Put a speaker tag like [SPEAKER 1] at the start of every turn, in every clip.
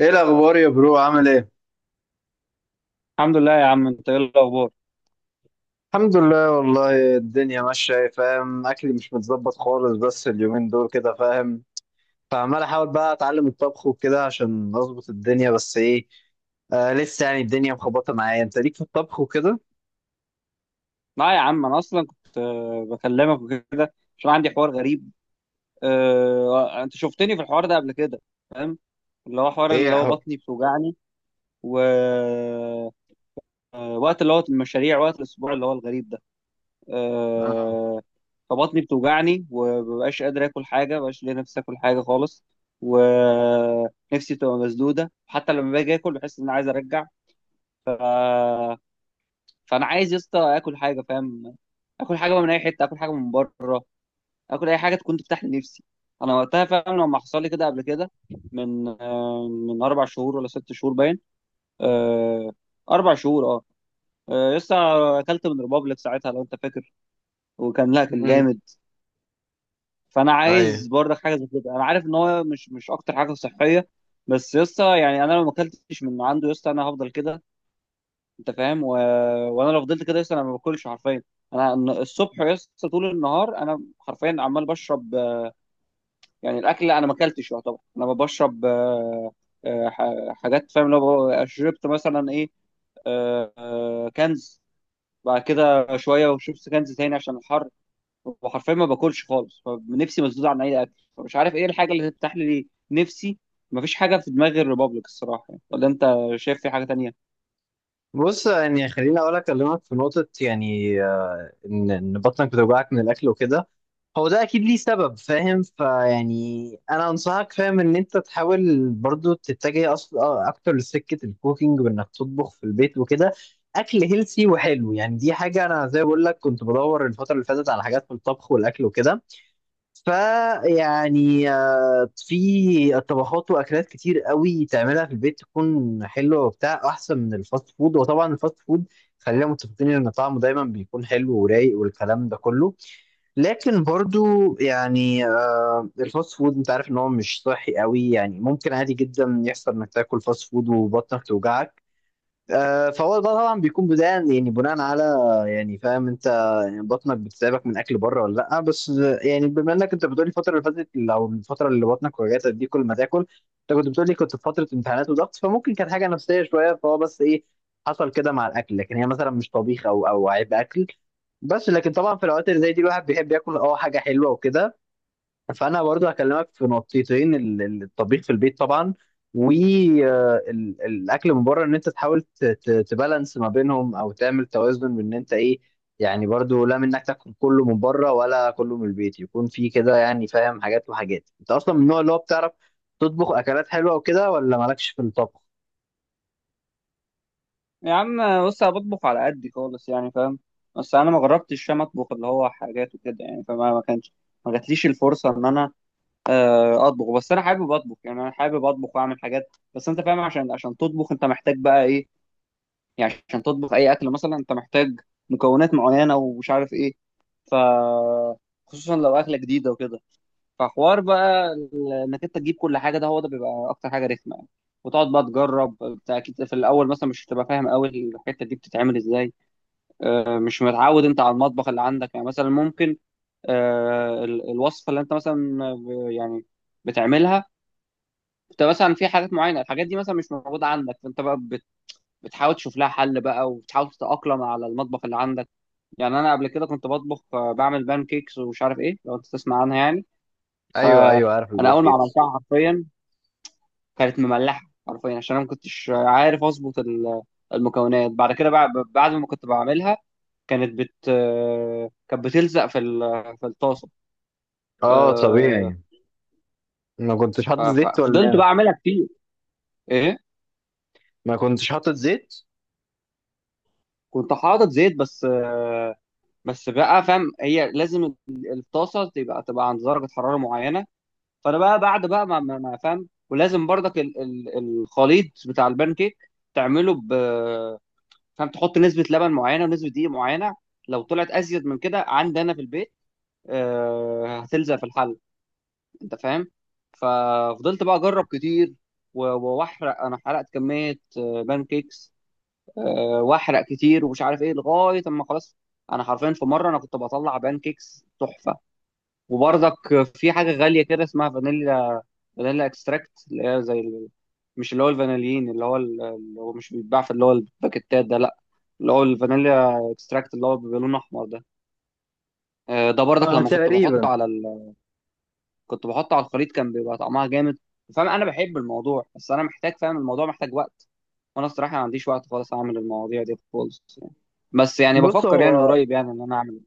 [SPEAKER 1] ايه الاخبار يا برو؟ عامل ايه؟
[SPEAKER 2] الحمد لله يا عم، انت ايه الاخبار؟
[SPEAKER 1] الحمد لله والله، الدنيا ماشيه. إيه، فاهم، اكلي مش متظبط خالص بس اليومين دول كده، فاهم. فعمال احاول بقى اتعلم الطبخ وكده عشان اظبط الدنيا، بس ايه، آه لسه يعني الدنيا مخبطه معايا. انت ليك في الطبخ وكده؟
[SPEAKER 2] لا يا عم، انا اصلا كنت بكلمك وكده عشان عندي حوار غريب. انت شفتني في الحوار ده قبل كده؟ فاهم اللي هو حوار، اللي
[SPEAKER 1] ايه
[SPEAKER 2] هو
[SPEAKER 1] حق.
[SPEAKER 2] بطني بتوجعني ووقت، اللي هو المشاريع وقت الاسبوع اللي هو الغريب ده.
[SPEAKER 1] اه.
[SPEAKER 2] آه، فبطني بتوجعني ومبقاش قادر اكل حاجه، مبقاش ليا نفسي اكل حاجه خالص، ونفسي تبقى مسدوده، حتى لما باجي اكل بحس ان انا عايز ارجع. فانا عايز يا اسطى اكل حاجه، فاهم؟ اكل حاجه بقى من اي حته، اكل حاجه من بره، اكل اي حاجه تكون تفتح لي نفسي. انا وقتها فاهم لما حصل لي كده قبل كده، من من اربع شهور ولا ست شهور باين. آه، اربع شهور اه. لسه اكلت من ريبابليك ساعتها لو انت فاكر، وكان لا كان
[SPEAKER 1] امم.
[SPEAKER 2] جامد. فانا
[SPEAKER 1] ايوه.
[SPEAKER 2] عايز برضك حاجه زي كده. انا عارف ان هو مش اكتر حاجه صحيه، بس يسطا يعني انا لو ما اكلتش من عنده يسطا انا هفضل كده، انت فاهم؟ وانا لو فضلت كده لسه انا ما باكلش حرفيا. انا الصبح لسه طول النهار انا حرفيا عمال بشرب يعني الاكل انا ما اكلتش، يعتبر انا بشرب. حاجات، فاهم؟ لو شربت مثلا ايه، كنز، بعد كده شويه وشربت كنز تاني عشان الحر، وحرفيا ما باكلش خالص، فنفسي مسدود عن اي اكل، فمش عارف ايه الحاجه اللي تفتح لي نفسي. مفيش حاجه في دماغي الريبابليك الصراحه يعني. ولا انت شايف في حاجه تانية؟
[SPEAKER 1] بص يعني خليني اقول اكلمك في نقطه، يعني ان بطنك بتوجعك من الاكل وكده، هو ده اكيد ليه سبب، فاهم. فيعني انا انصحك، فاهم، ان انت تحاول برضو تتجه اصلا اكتر لسكه الكوكينج، وانك تطبخ في البيت وكده. اكل هيلسي وحلو، يعني دي حاجه انا زي ما بقول لك كنت بدور الفتره اللي فاتت على حاجات في الطبخ والاكل وكده. فيعني في طبخات واكلات كتير قوي تعملها في البيت تكون حلوه وبتاع، احسن من الفاست فود. وطبعا الفاست فود خلينا متفقين ان طعمه دايما بيكون حلو ورايق والكلام ده كله، لكن برضو يعني الفاست فود انت عارف ان هو مش صحي قوي، يعني ممكن عادي جدا يحصل انك تاكل فاست فود وبطنك توجعك. فهو ده طبعا بيكون بداية، يعني بناء على، يعني فاهم انت. يعني بطنك بتتعبك من اكل بره ولا لا؟ بس يعني بما انك انت بتقولي الفترة اللي فاتت، او الفترة اللي بطنك وجعتك دي كل ما تاكل، انت كنت بتقولي كنت في فترة امتحانات وضغط، فممكن كانت حاجة نفسية شوية، فهو بس ايه، حصل كده مع الاكل، لكن هي مثلا مش طبيخ او عيب اكل. بس لكن طبعا في الاوقات اللي زي دي الواحد بيحب ياكل اه حاجة حلوة وكده. فانا برضو هكلمك في نقطتين، الطبيخ في البيت طبعا، والاكل من بره، ان انت تحاول تبالانس ما بينهم، او تعمل توازن بان انت ايه، يعني برضو لا منك تاكل كله من بره ولا كله من البيت، يكون في كده يعني، فاهم، حاجات وحاجات. انت اصلا من النوع اللي هو بتعرف تطبخ اكلات حلوه وكده، ولا مالكش في الطبخ؟
[SPEAKER 2] يا عم بص، انا بطبخ على قدي خالص يعني، فاهم؟ بس انا ما جربتش، فاهم، اطبخ اللي هو حاجات وكده يعني، فما ما كانش ما جاتليش الفرصه ان انا اطبخ. بس انا حابب اطبخ، يعني انا حابب اطبخ واعمل حاجات، بس انت فاهم، عشان تطبخ انت محتاج بقى ايه. يعني عشان تطبخ اي اكل مثلا انت محتاج مكونات معينه ومش عارف ايه. ف خصوصا لو اكله جديده وكده، فحوار بقى انك انت تجيب كل حاجه، ده هو ده بيبقى اكتر حاجه رخمه يعني. وتقعد بقى تجرب بتاع، اكيد في الاول مثلا مش هتبقى فاهم قوي الحته دي بتتعمل ازاي. مش متعود انت على المطبخ اللي عندك يعني، مثلا ممكن الوصفه اللي انت مثلا يعني بتعملها، انت مثلا في حاجات معينه، الحاجات دي مثلا مش موجوده عندك، فانت بقى بتحاول تشوف لها حل بقى، وبتحاول تتاقلم على المطبخ اللي عندك. يعني انا قبل كده كنت بطبخ، بعمل بان كيكس ومش عارف ايه، لو انت تسمع عنها يعني. ف
[SPEAKER 1] ايوه، ايوه، عارف
[SPEAKER 2] انا اول ما
[SPEAKER 1] البانكيكس.
[SPEAKER 2] عملتها حرفيا كانت مملحه حرفيا، عشان انا ما كنتش عارف اظبط المكونات. بعد كده، بعد ما كنت بعملها كانت بت كانت بتلزق في في الطاسه.
[SPEAKER 1] اه
[SPEAKER 2] آه،
[SPEAKER 1] طبيعي. ما كنتش حاطط زيت ولا
[SPEAKER 2] فضلت
[SPEAKER 1] ايه؟
[SPEAKER 2] بقى اعملها كتير. ايه،
[SPEAKER 1] ما كنتش حاطط زيت.
[SPEAKER 2] كنت حاطط زيت، بس بقى فاهم، هي لازم الطاسه تبقى عند درجه حراره معينه. فانا بقى بعد بقى ما فاهم، ولازم برضك الخليط بتاع البان كيك تعمله، فانت تحط نسبه لبن معينه ونسبه دقيق معينه. لو طلعت ازيد من كده عندي انا في البيت، هتلزق في الحل، انت فاهم؟ ففضلت بقى اجرب كتير و- واحرق، انا حرقت كميه بان كيكس. واحرق كتير ومش عارف ايه لغايه اما خلاص. انا حرفيا في مره انا كنت بطلع بان كيكس تحفه. وبرضك في حاجه غاليه كده اسمها فانيليا، فانيليا اكستراكت، اللي هي زي مش اللي هو الفانيلين، اللي هو اللي هو مش بيتباع في اللي هو الباكيتات ده، لا، اللي هو الفانيليا اكستراكت اللي هو بيبقى لونه احمر ده. ده برضك
[SPEAKER 1] آه
[SPEAKER 2] لما كنت بحطه
[SPEAKER 1] تقريبا.
[SPEAKER 2] على كنت بحطه على الخليط كان بيبقى طعمها جامد. فاهم، انا بحب الموضوع، بس انا محتاج، فاهم، الموضوع محتاج وقت، وانا الصراحه ما عنديش وقت خالص اعمل المواضيع دي خالص يعني. بس يعني
[SPEAKER 1] بص
[SPEAKER 2] بفكر يعني
[SPEAKER 1] هو،
[SPEAKER 2] قريب يعني ان انا اعمل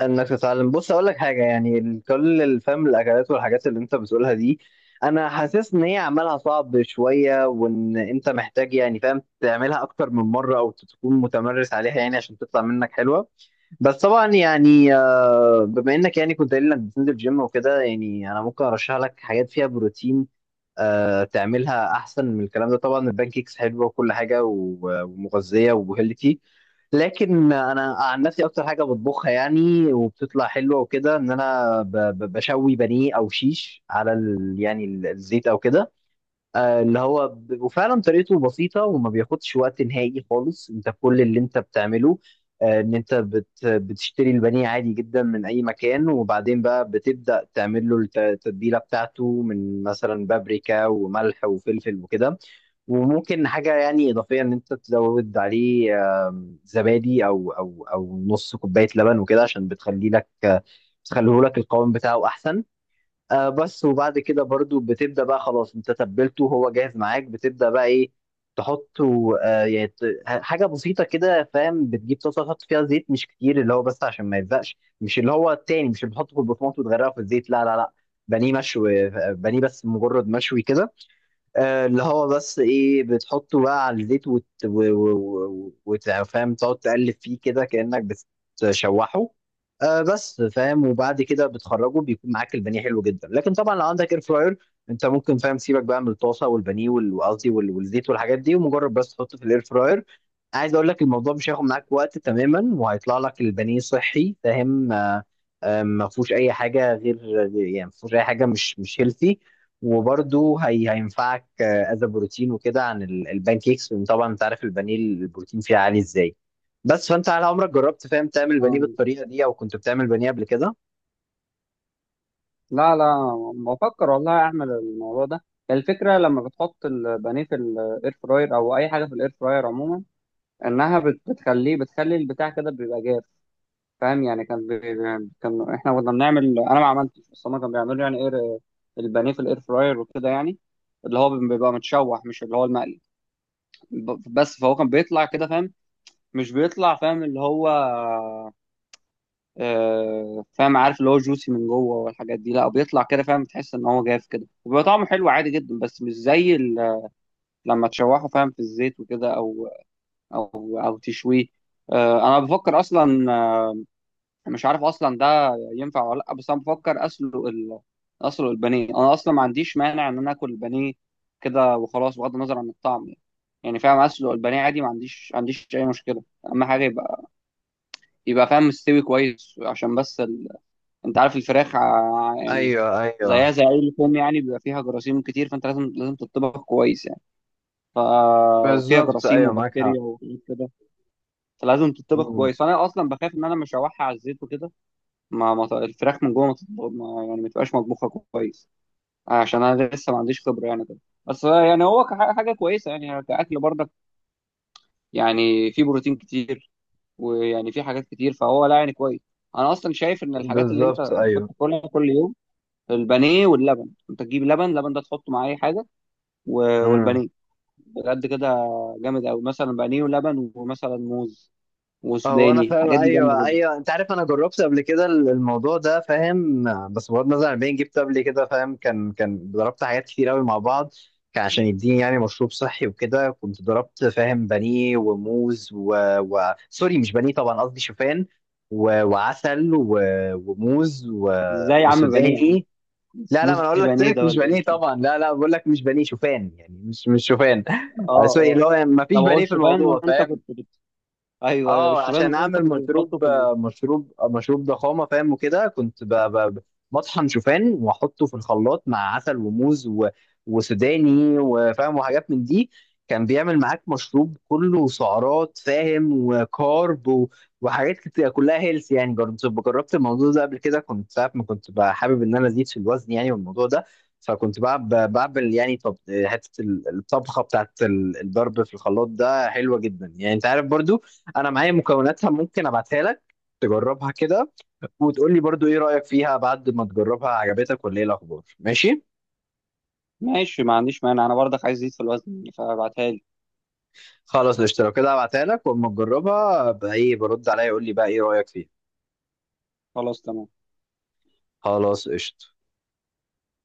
[SPEAKER 1] انك تتعلم، بص اقول لك حاجه، يعني كل الفهم الاكلات والحاجات اللي انت بتقولها دي، انا حاسس ان هي عملها صعب شويه، وان انت محتاج يعني فاهم تعملها اكتر من مره، او تكون متمرس عليها يعني، عشان تطلع منك حلوه. بس طبعا يعني بما انك يعني كنت قايل انك بتنزل جيم وكده، يعني انا ممكن ارشح لك حاجات فيها بروتين، تعملها احسن من الكلام ده. طبعا البانكيكس حلوه وكل حاجه ومغذيه وهيلثي، لكن انا عن نفسي اكتر حاجه بطبخها يعني، وبتطلع حلوه وكده، ان انا بشوي بانيه او شيش على ال يعني الزيت او كده. اللي هو وفعلا طريقته بسيطة، وما بياخدش وقت نهائي خالص. انت كل اللي انت بتعمله ان انت بتشتري البانيه عادي جدا من اي مكان، وبعدين بقى بتبدأ تعمل له التتبيلة بتاعته من مثلا بابريكا وملح وفلفل وكده. وممكن حاجة يعني إضافية ان انت تزود عليه، زبادي او نص كوباية لبن وكده، عشان بتخلي لك بتخليه لك القوام بتاعه احسن. آه بس. وبعد كده برضو بتبدأ بقى، خلاص انت تبلته هو جاهز معاك، بتبدأ بقى ايه، تحطه آه يعني حاجة بسيطة كده، فاهم، بتجيب طاسة تحط فيها زيت مش كتير، اللي هو بس عشان ما يلزقش، مش اللي هو التاني، مش اللي بتحطه في البطماط وتغرقه في الزيت، لا لا لا. بانيه مشوي، آه، بانيه بس مجرد مشوي كده. اللي هو بس ايه، بتحطه بقى على الزيت وت... و... و... و... وت- فاهم تقعد تقلب فيه كده كأنك بتشوحه. آه بس، فاهم. وبعد كده بتخرجه بيكون معاك البانيه حلو جدا. لكن طبعا لو عندك اير فراير، انت ممكن فاهم سيبك بقى من الطاسه والبانيه وقصدي والزيت والحاجات دي، ومجرد بس تحطه في الاير فراير. عايز اقول لك الموضوع مش هياخد معاك وقت تماما، وهيطلع لك البانيه صحي، فاهم. ما فيهوش اي حاجه غير، يعني ما فيهوش اي حاجه مش هيلثي. وبرده هي هينفعك از بروتين وكده عن البان كيكس، لان طبعا انت عارف البانيه البروتين فيه عالي ازاي. بس فانت على عمرك جربت فاهم تعمل بانيه
[SPEAKER 2] آه،
[SPEAKER 1] بالطريقه دي، او كنت بتعمل بانيه قبل كده؟
[SPEAKER 2] لا لا، بفكر والله اعمل الموضوع ده. الفكره لما بتحط البانيه في الاير فراير، او اي حاجه في الاير فراير عموما، انها بتخليه، بتخلي البتاع كده بيبقى جاف، فاهم؟ يعني كان احنا كنا بنعمل، انا ما عملتش بس هما كانوا بيعملوا يعني ايه، البانيه في الاير فراير وكده يعني، اللي هو بيبقى متشوح مش اللي هو المقلي. بس فهو كان بيطلع كده، فاهم؟ مش بيطلع فاهم اللي هو فاهم، عارف اللي هو جوسي من جوه والحاجات دي، لا، بيطلع كده، فاهم، تحس ان هو جاف كده، وبيبقى طعمه حلو عادي جدا، بس مش زي لما تشوحه، فاهم، في الزيت وكده، او او تشويه. انا بفكر اصلا، مش عارف اصلا ده ينفع ولا لا، بس انا بفكر اسلق اسلق البانيه. انا اصلا ما عنديش مانع ان انا اكل البانيه كده وخلاص، بغض النظر عن الطعم يعني، يعني فاهم اسلق البانيه عادي، ما عنديش اي مشكله. اهم حاجه يبقى فاهم مستوي كويس، عشان بس انت عارف الفراخ يعني
[SPEAKER 1] ايوه ايوه.
[SPEAKER 2] زيها زي اي لحوم يعني، بيبقى فيها جراثيم كتير، فانت لازم تطبخ كويس يعني، ففيها
[SPEAKER 1] بالظبط،
[SPEAKER 2] جراثيم
[SPEAKER 1] ايوه معاك
[SPEAKER 2] وبكتيريا
[SPEAKER 1] حق.
[SPEAKER 2] وحاجات كده، فلازم تطبخ
[SPEAKER 1] مم.
[SPEAKER 2] كويس. فانا اصلا بخاف ان انا مش هشوحها على الزيت وكده، ما ما ط- الفراخ من جوه ما تط- ما- يعني ما تبقاش مطبوخه كويس، عشان انا لسه ما عنديش خبره يعني كده. بس يعني هو حاجه كويسه يعني كاكل برضك، يعني في بروتين كتير ويعني في حاجات كتير، فهو لا يعني كويس. انا اصلا شايف ان الحاجات اللي انت
[SPEAKER 1] بالظبط
[SPEAKER 2] المفروض
[SPEAKER 1] ايوه.
[SPEAKER 2] تاكلها كل يوم البانيه واللبن، انت تجيب لبن، لبن ده تحطه مع اي حاجه، والبانيه. بجد كده جامد قوي، مثلا بانيه ولبن ومثلا موز
[SPEAKER 1] هو انا
[SPEAKER 2] وسوداني،
[SPEAKER 1] فاهم،
[SPEAKER 2] الحاجات دي جامده
[SPEAKER 1] ايوه
[SPEAKER 2] جدا.
[SPEAKER 1] ايوه، انت عارف انا جربت قبل كده الموضوع ده، فاهم، بس بغض النظر عن البين جبت قبل كده، فاهم، كان ضربت حاجات كتير قوي مع بعض، كان عشان يديني يعني مشروب صحي وكده. كنت ضربت، فاهم، بانيه وموز و... و... سوري مش بانيه طبعا، قصدي شوفان، و... وعسل و... وموز و...
[SPEAKER 2] ازاي يا عم؟ بانيه يا عم؟
[SPEAKER 1] وسوداني. لا لا، ما انا
[SPEAKER 2] سموزي
[SPEAKER 1] اقول لك
[SPEAKER 2] بانيه
[SPEAKER 1] ترك،
[SPEAKER 2] ده
[SPEAKER 1] مش
[SPEAKER 2] ولا
[SPEAKER 1] بانيه
[SPEAKER 2] ايه؟
[SPEAKER 1] طبعا، لا لا، بقول لك مش بانيه، شوفان يعني، مش شوفان
[SPEAKER 2] اه
[SPEAKER 1] سوري،
[SPEAKER 2] اه.
[SPEAKER 1] اللي هو يعني ما
[SPEAKER 2] طب
[SPEAKER 1] فيش
[SPEAKER 2] هو
[SPEAKER 1] بانيه في
[SPEAKER 2] الشوفان
[SPEAKER 1] الموضوع،
[SPEAKER 2] وانت
[SPEAKER 1] فاهم.
[SPEAKER 2] ايوه ايوه،
[SPEAKER 1] اه، عشان
[SPEAKER 2] الشوفان وانت
[SPEAKER 1] اعمل
[SPEAKER 2] كنت بتحطه
[SPEAKER 1] مشروب،
[SPEAKER 2] في
[SPEAKER 1] مشروب، مشروب ضخامه، فاهم، وكده. كنت بطحن شوفان واحطه في الخلاط مع عسل وموز و... وسوداني وفاهم وحاجات من دي. كان بيعمل معاك مشروب كله سعرات، فاهم، وكارب و... وحاجات كتير كلها هيلث يعني. جربت، جربت الموضوع ده قبل كده، كنت ساعة ما كنت بقى حابب ان انا ازيد في الوزن يعني، والموضوع ده. فكنت بعمل يعني طب حته، الطبخه بتاعت الضرب في الخلاط ده حلوه جدا يعني، انت عارف برضو، انا معايا مكوناتها، ممكن ابعتها لك تجربها كده، وتقول لي برضو ايه رأيك فيها بعد ما تجربها، عجبتك ولا ايه الاخبار؟ ماشي.
[SPEAKER 2] ماشي، ما عنديش مانع، انا برضك عايز ازيد في الوزن يعني، فابعتها لي.
[SPEAKER 1] خلاص قشطة، لو كده هبعتها لك، واما تجربها بقى ايه برد عليا يقول لي بقى ايه رأيك فيها.
[SPEAKER 2] خلاص تمام.
[SPEAKER 1] خلاص قشطة.